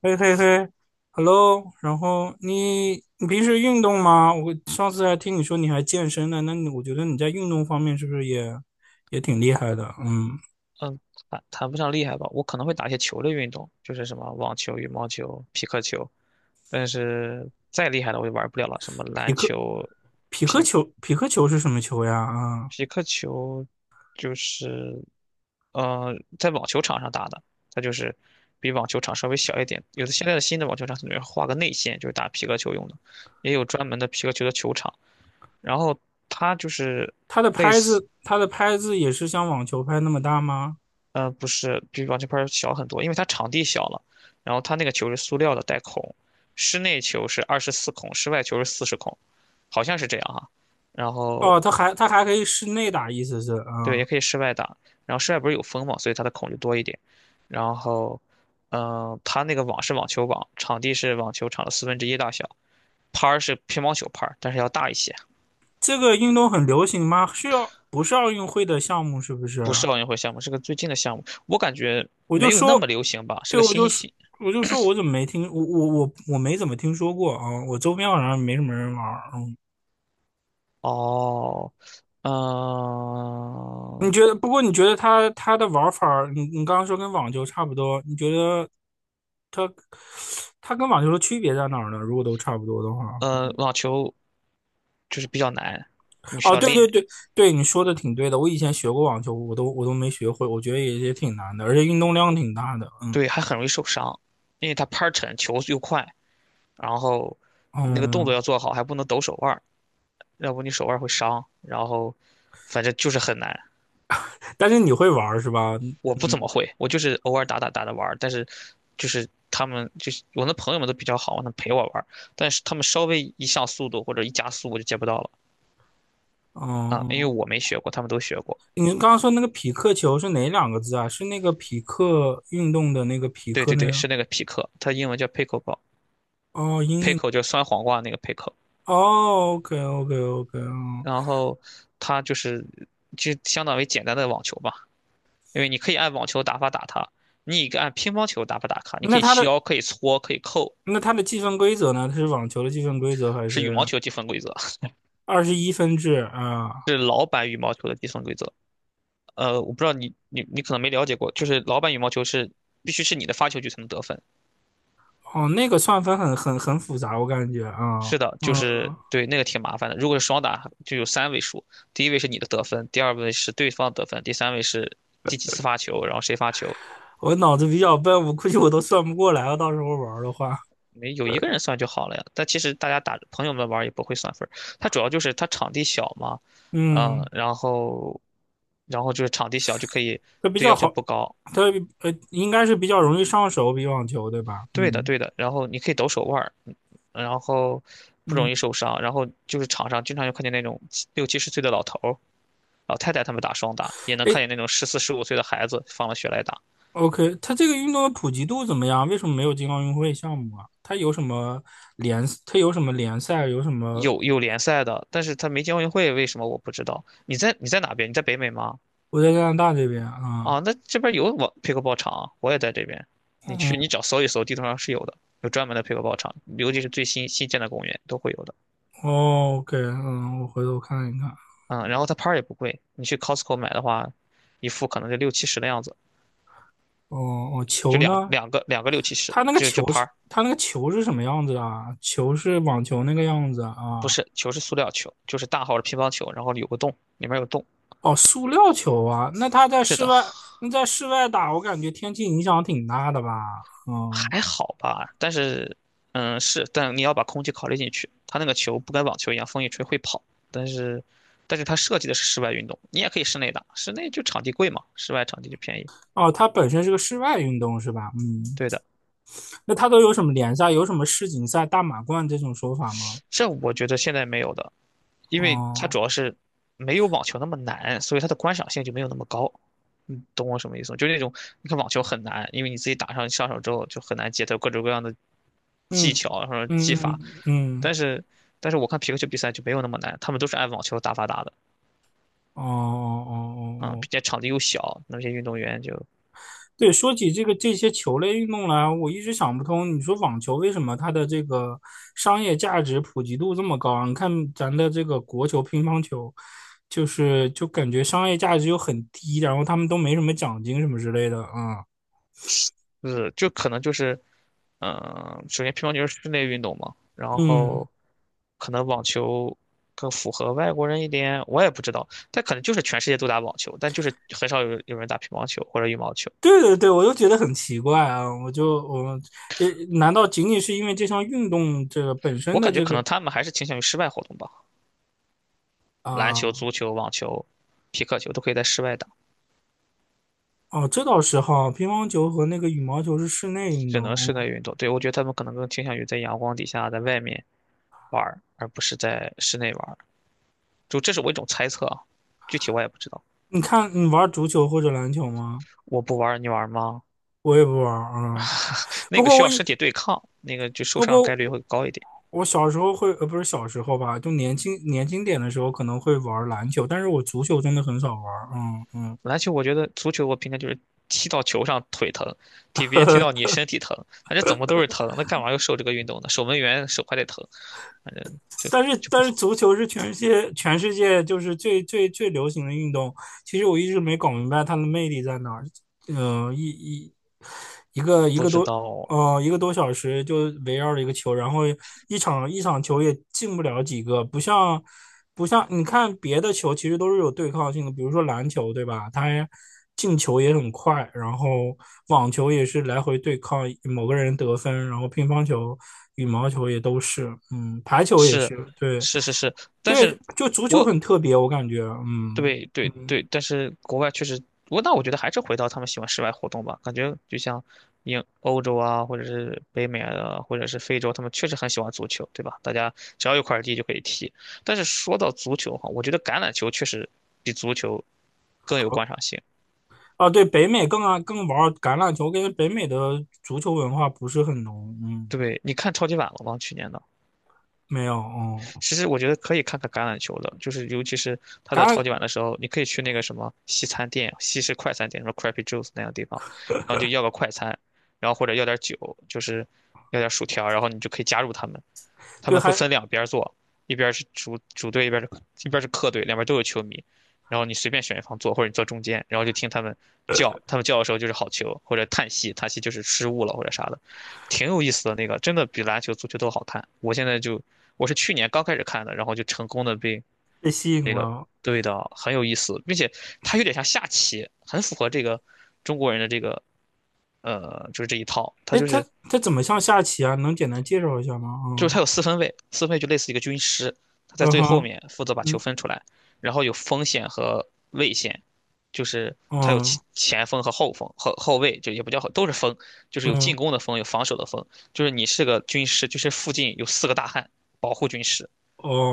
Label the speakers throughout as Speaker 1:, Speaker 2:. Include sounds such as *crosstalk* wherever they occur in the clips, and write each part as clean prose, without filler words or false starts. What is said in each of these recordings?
Speaker 1: 嘿嘿嘿，Hello，然后你平时运动吗？我上次还听你说你还健身呢，那你我觉得你在运动方面是不是也挺厉害的？嗯，
Speaker 2: 嗯，谈不上厉害吧，我可能会打一些球类运动，就是什么网球、羽毛球、匹克球，但是再厉害的我也玩不了了，什么
Speaker 1: 匹
Speaker 2: 篮
Speaker 1: 克
Speaker 2: 球、
Speaker 1: 匹克
Speaker 2: 匹
Speaker 1: 球匹克球是什么球呀？啊，
Speaker 2: 匹克球，就是呃，在网球场上打的，它就是比网球场稍微小一点。有的现在的新的网球场它里面画个内线，就是打皮克球用的，也有专门的皮克球的球场。然后它就是
Speaker 1: 它的
Speaker 2: 类
Speaker 1: 拍
Speaker 2: 似，
Speaker 1: 子它的拍子也是像网球拍那么大吗？
Speaker 2: 不是，比网球拍儿小很多，因为它场地小了，然后它那个球是塑料的，带孔，室内球是24孔，室外球是40孔，好像是这样哈。然
Speaker 1: 哦，
Speaker 2: 后
Speaker 1: 它还可以室内打，意思是
Speaker 2: 对，也
Speaker 1: 啊，
Speaker 2: 可以室外打，然后室外不是有风嘛，所以它的孔就多一点。然后，它那个网是网球网，场地是网球场的四分之一大小，拍儿是乒乓球拍儿但是要大一些，
Speaker 1: 这个运动很流行吗？是要不是奥运会的项目是不是
Speaker 2: 不是
Speaker 1: 啊？
Speaker 2: 奥运会项目，是个最近的项目，我感觉
Speaker 1: 我就
Speaker 2: 没有那么
Speaker 1: 说，
Speaker 2: 流行吧，是
Speaker 1: 对，
Speaker 2: 个新。
Speaker 1: 我就说我怎么没听，我没怎么听说过啊，我周边好像没什么人玩儿。嗯。
Speaker 2: 哦，
Speaker 1: 你
Speaker 2: 嗯，
Speaker 1: 觉得？不过你觉得它的玩法儿你刚刚说跟网球差不多，你觉得它跟网球的区别在哪儿呢？如果都差不多的话，
Speaker 2: 网球就是比较难，你需
Speaker 1: 哦，
Speaker 2: 要
Speaker 1: 对对
Speaker 2: 练，
Speaker 1: 对对，你说的挺对的。我以前学过网球，我都没学会，我觉得也挺难的，而且运动量挺大的。嗯
Speaker 2: 对，还很容易受伤，因为它拍儿沉，球又快，然后你那个动作
Speaker 1: 嗯，
Speaker 2: 要做好，还不能抖手腕儿，要不你手腕儿会伤，然后反正就是很难。
Speaker 1: 但是你会玩儿是吧？
Speaker 2: 我不怎么
Speaker 1: 嗯
Speaker 2: 会，我就是偶尔打打着玩儿，但是就是他们我那朋友们都比较好，能陪我玩儿，但是他们稍微一上速度或者一加速我就接不到了啊，
Speaker 1: 嗯。
Speaker 2: 因为
Speaker 1: 嗯。
Speaker 2: 我没学过，他们都学过。
Speaker 1: 你刚刚说那个匹克球是哪两个字啊？是那个匹克运动的那个匹
Speaker 2: 对
Speaker 1: 克
Speaker 2: 对
Speaker 1: 那
Speaker 2: 对，
Speaker 1: 个？
Speaker 2: 是那个匹克，它英文叫 pickle
Speaker 1: 哦，英译，
Speaker 2: ball，pickle 就是酸黄瓜那个 pickle，
Speaker 1: 哦，OK OK OK，哦，
Speaker 2: 然后它就是就相当于简单的网球吧，因为你可以按网球打法打它，你也可以按乒乓球打法打它，你可
Speaker 1: 那
Speaker 2: 以
Speaker 1: 它的
Speaker 2: 削，可以搓，可以扣，
Speaker 1: 那它的计分规则呢？它是网球的计分规则还
Speaker 2: 是羽
Speaker 1: 是
Speaker 2: 毛球积分规则，
Speaker 1: 21分制啊？
Speaker 2: 是老版羽毛球的积分规则。我不知道你可能没了解过，就是老版羽毛球是必须是你的发球局才能得分，
Speaker 1: 哦，那个算分很复杂，我感觉啊，
Speaker 2: 是的，就
Speaker 1: 嗯，
Speaker 2: 是对那个挺麻烦的。如果是双打，就有三位数，第一位是你的得分，第二位是对方得分，第三位是第几次发球，然后谁发球，
Speaker 1: 我脑子比较笨，我估计我都算不过来了，到时候玩儿的话，
Speaker 2: 没有一个人算就好了呀。但其实大家打朋友们玩儿也不会算分儿，它主要就是它场地小嘛，嗯，
Speaker 1: 嗯，
Speaker 2: 然后就是场地小就可以，
Speaker 1: 它比
Speaker 2: 对，
Speaker 1: 较
Speaker 2: 要求
Speaker 1: 好，
Speaker 2: 不高，
Speaker 1: 它应该是比较容易上手，比网球对吧？
Speaker 2: 对的
Speaker 1: 嗯
Speaker 2: 对的，然后你可以抖手腕儿，然后不
Speaker 1: 嗯。
Speaker 2: 容易受伤，然后就是场上经常就看见那种70岁的老头儿，老太太他们打双打，也能
Speaker 1: 哎，
Speaker 2: 看见那种14、15岁的孩子放了学来打。
Speaker 1: OK，它这个运动的普及度怎么样？为什么没有进奥运会项目啊？它有什么联赛？有什么？
Speaker 2: 有联赛的，但是他没进奥运会，为什么我不知道？你在哪边？你在北美吗？
Speaker 1: 我在加拿大这边啊，
Speaker 2: 啊，那这边有pickleball 场啊，我也在这边。你去你
Speaker 1: 嗯，
Speaker 2: 找搜一搜，地图上是有的，有专门的 pickleball 场，尤其是最新建的公园都会有的。
Speaker 1: 哦，OK，嗯，我回头看一看。
Speaker 2: 嗯，然后它拍儿也不贵，你去 Costco 买的话，一副可能就六七十的样子，
Speaker 1: 哦哦，
Speaker 2: 就
Speaker 1: 球
Speaker 2: 两
Speaker 1: 呢？
Speaker 2: 两个两个六七十，
Speaker 1: 它那个
Speaker 2: 就
Speaker 1: 球
Speaker 2: 拍
Speaker 1: 是
Speaker 2: 儿，
Speaker 1: 它那个球是什么样子啊？球是网球那个样子
Speaker 2: 不
Speaker 1: 啊？
Speaker 2: 是，球是塑料球，就是大号的乒乓球，然后有个洞，里面有洞。
Speaker 1: 哦，塑料球啊？
Speaker 2: 是的，
Speaker 1: 那在室外打，我感觉天气影响挺大的吧？嗯，
Speaker 2: 还好吧，但是，嗯，是，但你要把空气考虑进去。它那个球不跟网球一样，风一吹会跑，但是，它设计的是室外运动，你也可以室内打，室内就场地贵嘛，室外场地就便宜。
Speaker 1: 哦，它本身是个室外运动是吧？嗯。
Speaker 2: 对的，
Speaker 1: 那它都有什么联赛？有什么世锦赛、大满贯这种说法吗？
Speaker 2: 这我觉得现在没有的，因为它主
Speaker 1: 哦，
Speaker 2: 要是没有网球那么难，所以它的观赏性就没有那么高。你懂我什么意思吗？就那种你看网球很难，因为你自己打上手之后就很难接，它有各种各样的技
Speaker 1: 嗯
Speaker 2: 巧，然后技
Speaker 1: 嗯
Speaker 2: 法，
Speaker 1: 嗯嗯，
Speaker 2: 但是但是我看皮克球比赛就没有那么难，他们都是按网球打法打的。
Speaker 1: 哦哦哦
Speaker 2: 嗯，
Speaker 1: 哦哦，
Speaker 2: 并且场地又小，那些运动员就
Speaker 1: 对，说起这些球类运动来，我一直想不通，你说网球为什么它的这个商业价值普及度这么高啊？你看咱的这个国球、乒乓球，就是感觉商业价值又很低，然后他们都没什么奖金什么之类的啊，
Speaker 2: 就可能就是，首先乒乓球是室内运动嘛，然
Speaker 1: 嗯。
Speaker 2: 后可能网球更符合外国人一点，我也不知道，但可能就是全世界都打网球，但就是很少有人打乒乓球或者羽毛球，
Speaker 1: 对对对，我就觉得很奇怪啊！我就我呃，难道仅仅是因为这项运动这个本身
Speaker 2: 我
Speaker 1: 的
Speaker 2: 感觉
Speaker 1: 这
Speaker 2: 可
Speaker 1: 个
Speaker 2: 能他们还是倾向于室外活动吧，篮球、
Speaker 1: 啊、
Speaker 2: 足球、网球。皮克球都可以在室外打，
Speaker 1: 哦，这倒是哈，乒乓球和那个羽毛球是室内运
Speaker 2: 只
Speaker 1: 动。
Speaker 2: 能室
Speaker 1: 哦，
Speaker 2: 内运动。对，我觉得他们可能更倾向于在阳光底下，在外面玩儿，而不是在室内玩儿。就这是我一种猜测啊，具体我也不知道。
Speaker 1: 你看，你玩足球或者篮球吗？
Speaker 2: 我不玩儿，你玩儿吗？
Speaker 1: 我也不玩啊、嗯。
Speaker 2: 那
Speaker 1: 不
Speaker 2: 个
Speaker 1: 过
Speaker 2: 需
Speaker 1: 我
Speaker 2: 要
Speaker 1: 也
Speaker 2: 身体对抗，那个就受
Speaker 1: 不
Speaker 2: 伤概
Speaker 1: 过
Speaker 2: 率会高一点。
Speaker 1: 我小时候会不是小时候吧，就年轻点的时候可能会玩篮球，但是我足球真的很少玩。嗯嗯。
Speaker 2: 篮球我觉得，足球我平常就是踢到球上腿疼，踢别人踢到你身体疼，反正怎么都是疼。那干嘛要受这个运动呢？守门员手还得疼，反正就
Speaker 1: 但是
Speaker 2: 就不
Speaker 1: 但是
Speaker 2: 好。
Speaker 1: 足球是全世界就是最流行的运动，其实我一直没搞明白它的魅力在哪儿。嗯、呃一一一个一
Speaker 2: 不
Speaker 1: 个
Speaker 2: 知
Speaker 1: 多
Speaker 2: 道，
Speaker 1: 一个多小时就围绕着一个球，然后一场球也进不了几个，不像你看别的球其实都是有对抗性的，比如说篮球，对吧？它进球也很快，然后网球也是来回对抗某个人得分，然后乒乓球、羽毛球也都是，嗯，排球也
Speaker 2: 是
Speaker 1: 是，对
Speaker 2: 是是是，但
Speaker 1: 对，
Speaker 2: 是，
Speaker 1: 就足球
Speaker 2: 我
Speaker 1: 很特别，我感觉，嗯，
Speaker 2: 对对对，但是国外确实，那我觉得还是回到他们喜欢室外活动吧。感觉就像欧洲啊，或者是北美啊，或者是非洲，他们确实很喜欢足球，对吧？大家只要有块地就可以踢。但是说到足球哈，我觉得橄榄球确实比足球更有
Speaker 1: 好
Speaker 2: 观赏性。
Speaker 1: 啊，对，北美更玩橄榄球，跟北美的足球文化不是很浓，嗯，
Speaker 2: 对，你看超级碗了吗？去年的。
Speaker 1: 没有，嗯。
Speaker 2: 其实我觉得可以看看橄榄球的，就是尤其是他到
Speaker 1: 橄
Speaker 2: 超
Speaker 1: 榄
Speaker 2: 级碗的时候，你可以去那个什么西餐店、西式快餐店，什么 Crappy Juice 那样的地方，然后就要个快餐，然后或者要点酒，就是要点薯条，然后你就可以加入他们，他
Speaker 1: 对，
Speaker 2: 们会
Speaker 1: 还
Speaker 2: 分两边儿坐，一边儿是主队，一边儿是客队，两边儿都有球迷。然后你随便选一方坐，或者你坐中间，然后就听他们叫，他们叫的时候就是好球，或者叹息，叹息就是失误了或者啥的，挺有意思的那个，真的比篮球、足球都好看。我现在就我是去年刚开始看的，然后就成功的被
Speaker 1: 被吸引
Speaker 2: 那个，
Speaker 1: 了。
Speaker 2: 对的，很有意思，并且它有点像下棋，很符合这个中国人的这个，就是这一套，它
Speaker 1: 哎，
Speaker 2: 就
Speaker 1: 它
Speaker 2: 是
Speaker 1: 它怎么像下棋啊？能简单介绍一下吗？
Speaker 2: 就是
Speaker 1: 嗯
Speaker 2: 他有四分卫，四分卫就类似一个军师，他在
Speaker 1: 嗯
Speaker 2: 最后
Speaker 1: 哼，
Speaker 2: 面负责把球
Speaker 1: 嗯
Speaker 2: 分出来，然后有锋线和卫线，就是他有前
Speaker 1: 嗯
Speaker 2: 前锋和后锋后后卫，就也不叫后，都是锋，就是有进
Speaker 1: 嗯，
Speaker 2: 攻的锋，有防守的锋，就是你是个军师，就是附近有4个大汉保护军师，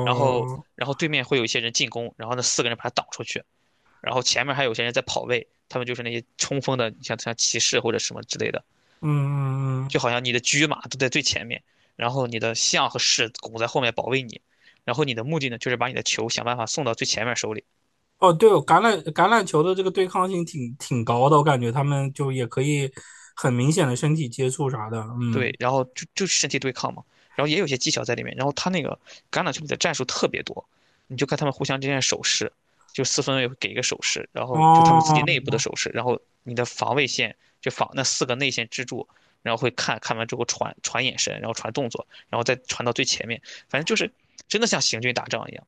Speaker 2: 然后然后对面会有一些人进攻，然后那4个人把他挡出去，然后前面还有些人在跑位，他们就是那些冲锋的，像骑士或者什么之类的。
Speaker 1: 嗯嗯嗯
Speaker 2: 就
Speaker 1: 嗯，
Speaker 2: 好像你的车马都在最前面，然后你的象和士拱在后面保卫你，然后你的目的呢，就是把你的球想办法送到最前面手里。
Speaker 1: 哦，对哦，橄榄球的这个对抗性挺高的，我感觉他们就也可以很明显的身体接触啥的。嗯，
Speaker 2: 对，然后就身体对抗嘛，然后也有些技巧在里面，然后他那个橄榄球里的战术特别多，你就看他们互相之间的手势，就四分卫会给一个手势，然后就他们自己
Speaker 1: 哦，
Speaker 2: 内部的手势，然后你的防卫线就防那4个内线支柱。然后会看完之后传眼神，然后传动作，然后再传到最前面，反正就是真的像行军打仗一样，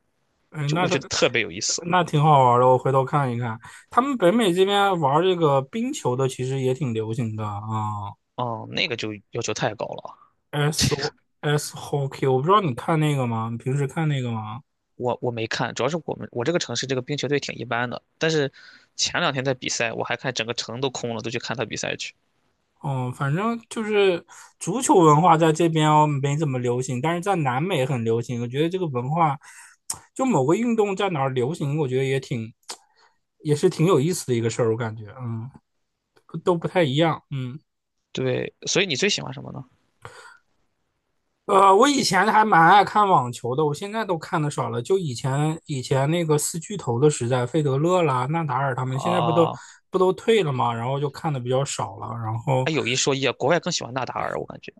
Speaker 1: 哎，
Speaker 2: 就我觉得特别有意思。
Speaker 1: 那挺好玩的，我回头看一看。他们北美这边玩这个冰球的其实也挺流行的啊。
Speaker 2: 哦，那个就要求太高了。
Speaker 1: SOS Hockey，我不知道你看那个吗？你平时看那个吗？
Speaker 2: 我没看，主要是我这个城市这个冰球队挺一般的。但是前两天在比赛，我还看整个城都空了，都去看他比赛去。
Speaker 1: 嗯，反正就是足球文化在这边哦没怎么流行，但是在南美很流行。我觉得这个文化，就某个运动在哪儿流行，我觉得也挺，也是挺有意思的一个事儿。我感觉，嗯，都不太一样，嗯。
Speaker 2: 对，所以你最喜欢什么呢？
Speaker 1: 我以前还蛮爱看网球的，我现在都看的少了。就以前那个四巨头的时代，费德勒啦、纳达尔他们，现在
Speaker 2: 啊，
Speaker 1: 不都退了吗？然后就看的比较少了。然后
Speaker 2: 哎，有一说一啊，国外更喜欢纳达尔，我感觉。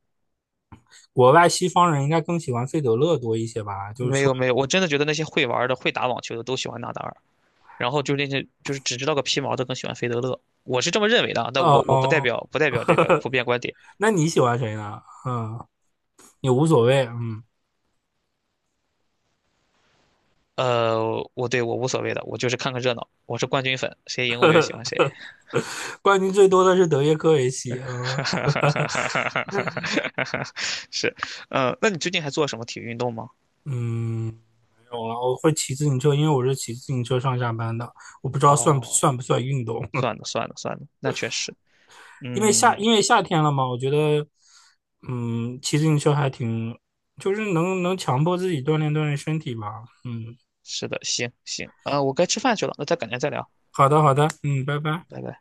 Speaker 1: 国外西方人应该更喜欢费德勒多一些吧？就是
Speaker 2: 没
Speaker 1: 说，
Speaker 2: 有没有，我真的觉得那些会玩的、会打网球的都喜欢纳达尔，然后就那些就是只知道个皮毛的更喜欢费德勒，我是这么认为的啊，但我不代
Speaker 1: 哦，
Speaker 2: 表不代表这个普遍观点。
Speaker 1: 那你喜欢谁呢？嗯，也无所谓。嗯，
Speaker 2: 我无所谓的，我就是看看热闹，我是冠军粉，谁赢我就喜欢谁。
Speaker 1: 冠军最多的是德约科维奇。嗯
Speaker 2: *laughs* 哈，哈哈哈哈哈哈哈，*laughs* 是，那你最近还做什么体育运动吗？
Speaker 1: 嗯，没有了。我会骑自行车，因为我是骑自行车上下班的。我不知道算不
Speaker 2: 哦，
Speaker 1: 算不算运动。
Speaker 2: 算了算了算了，那确实，嗯，
Speaker 1: 因为夏天了嘛，我觉得，嗯，骑自行车还挺，就是能强迫自己锻炼锻炼身体吧。嗯，
Speaker 2: 是的，行行，啊，我该吃饭去了，那再改天再聊，
Speaker 1: 好的好的，嗯，拜拜。
Speaker 2: 拜拜。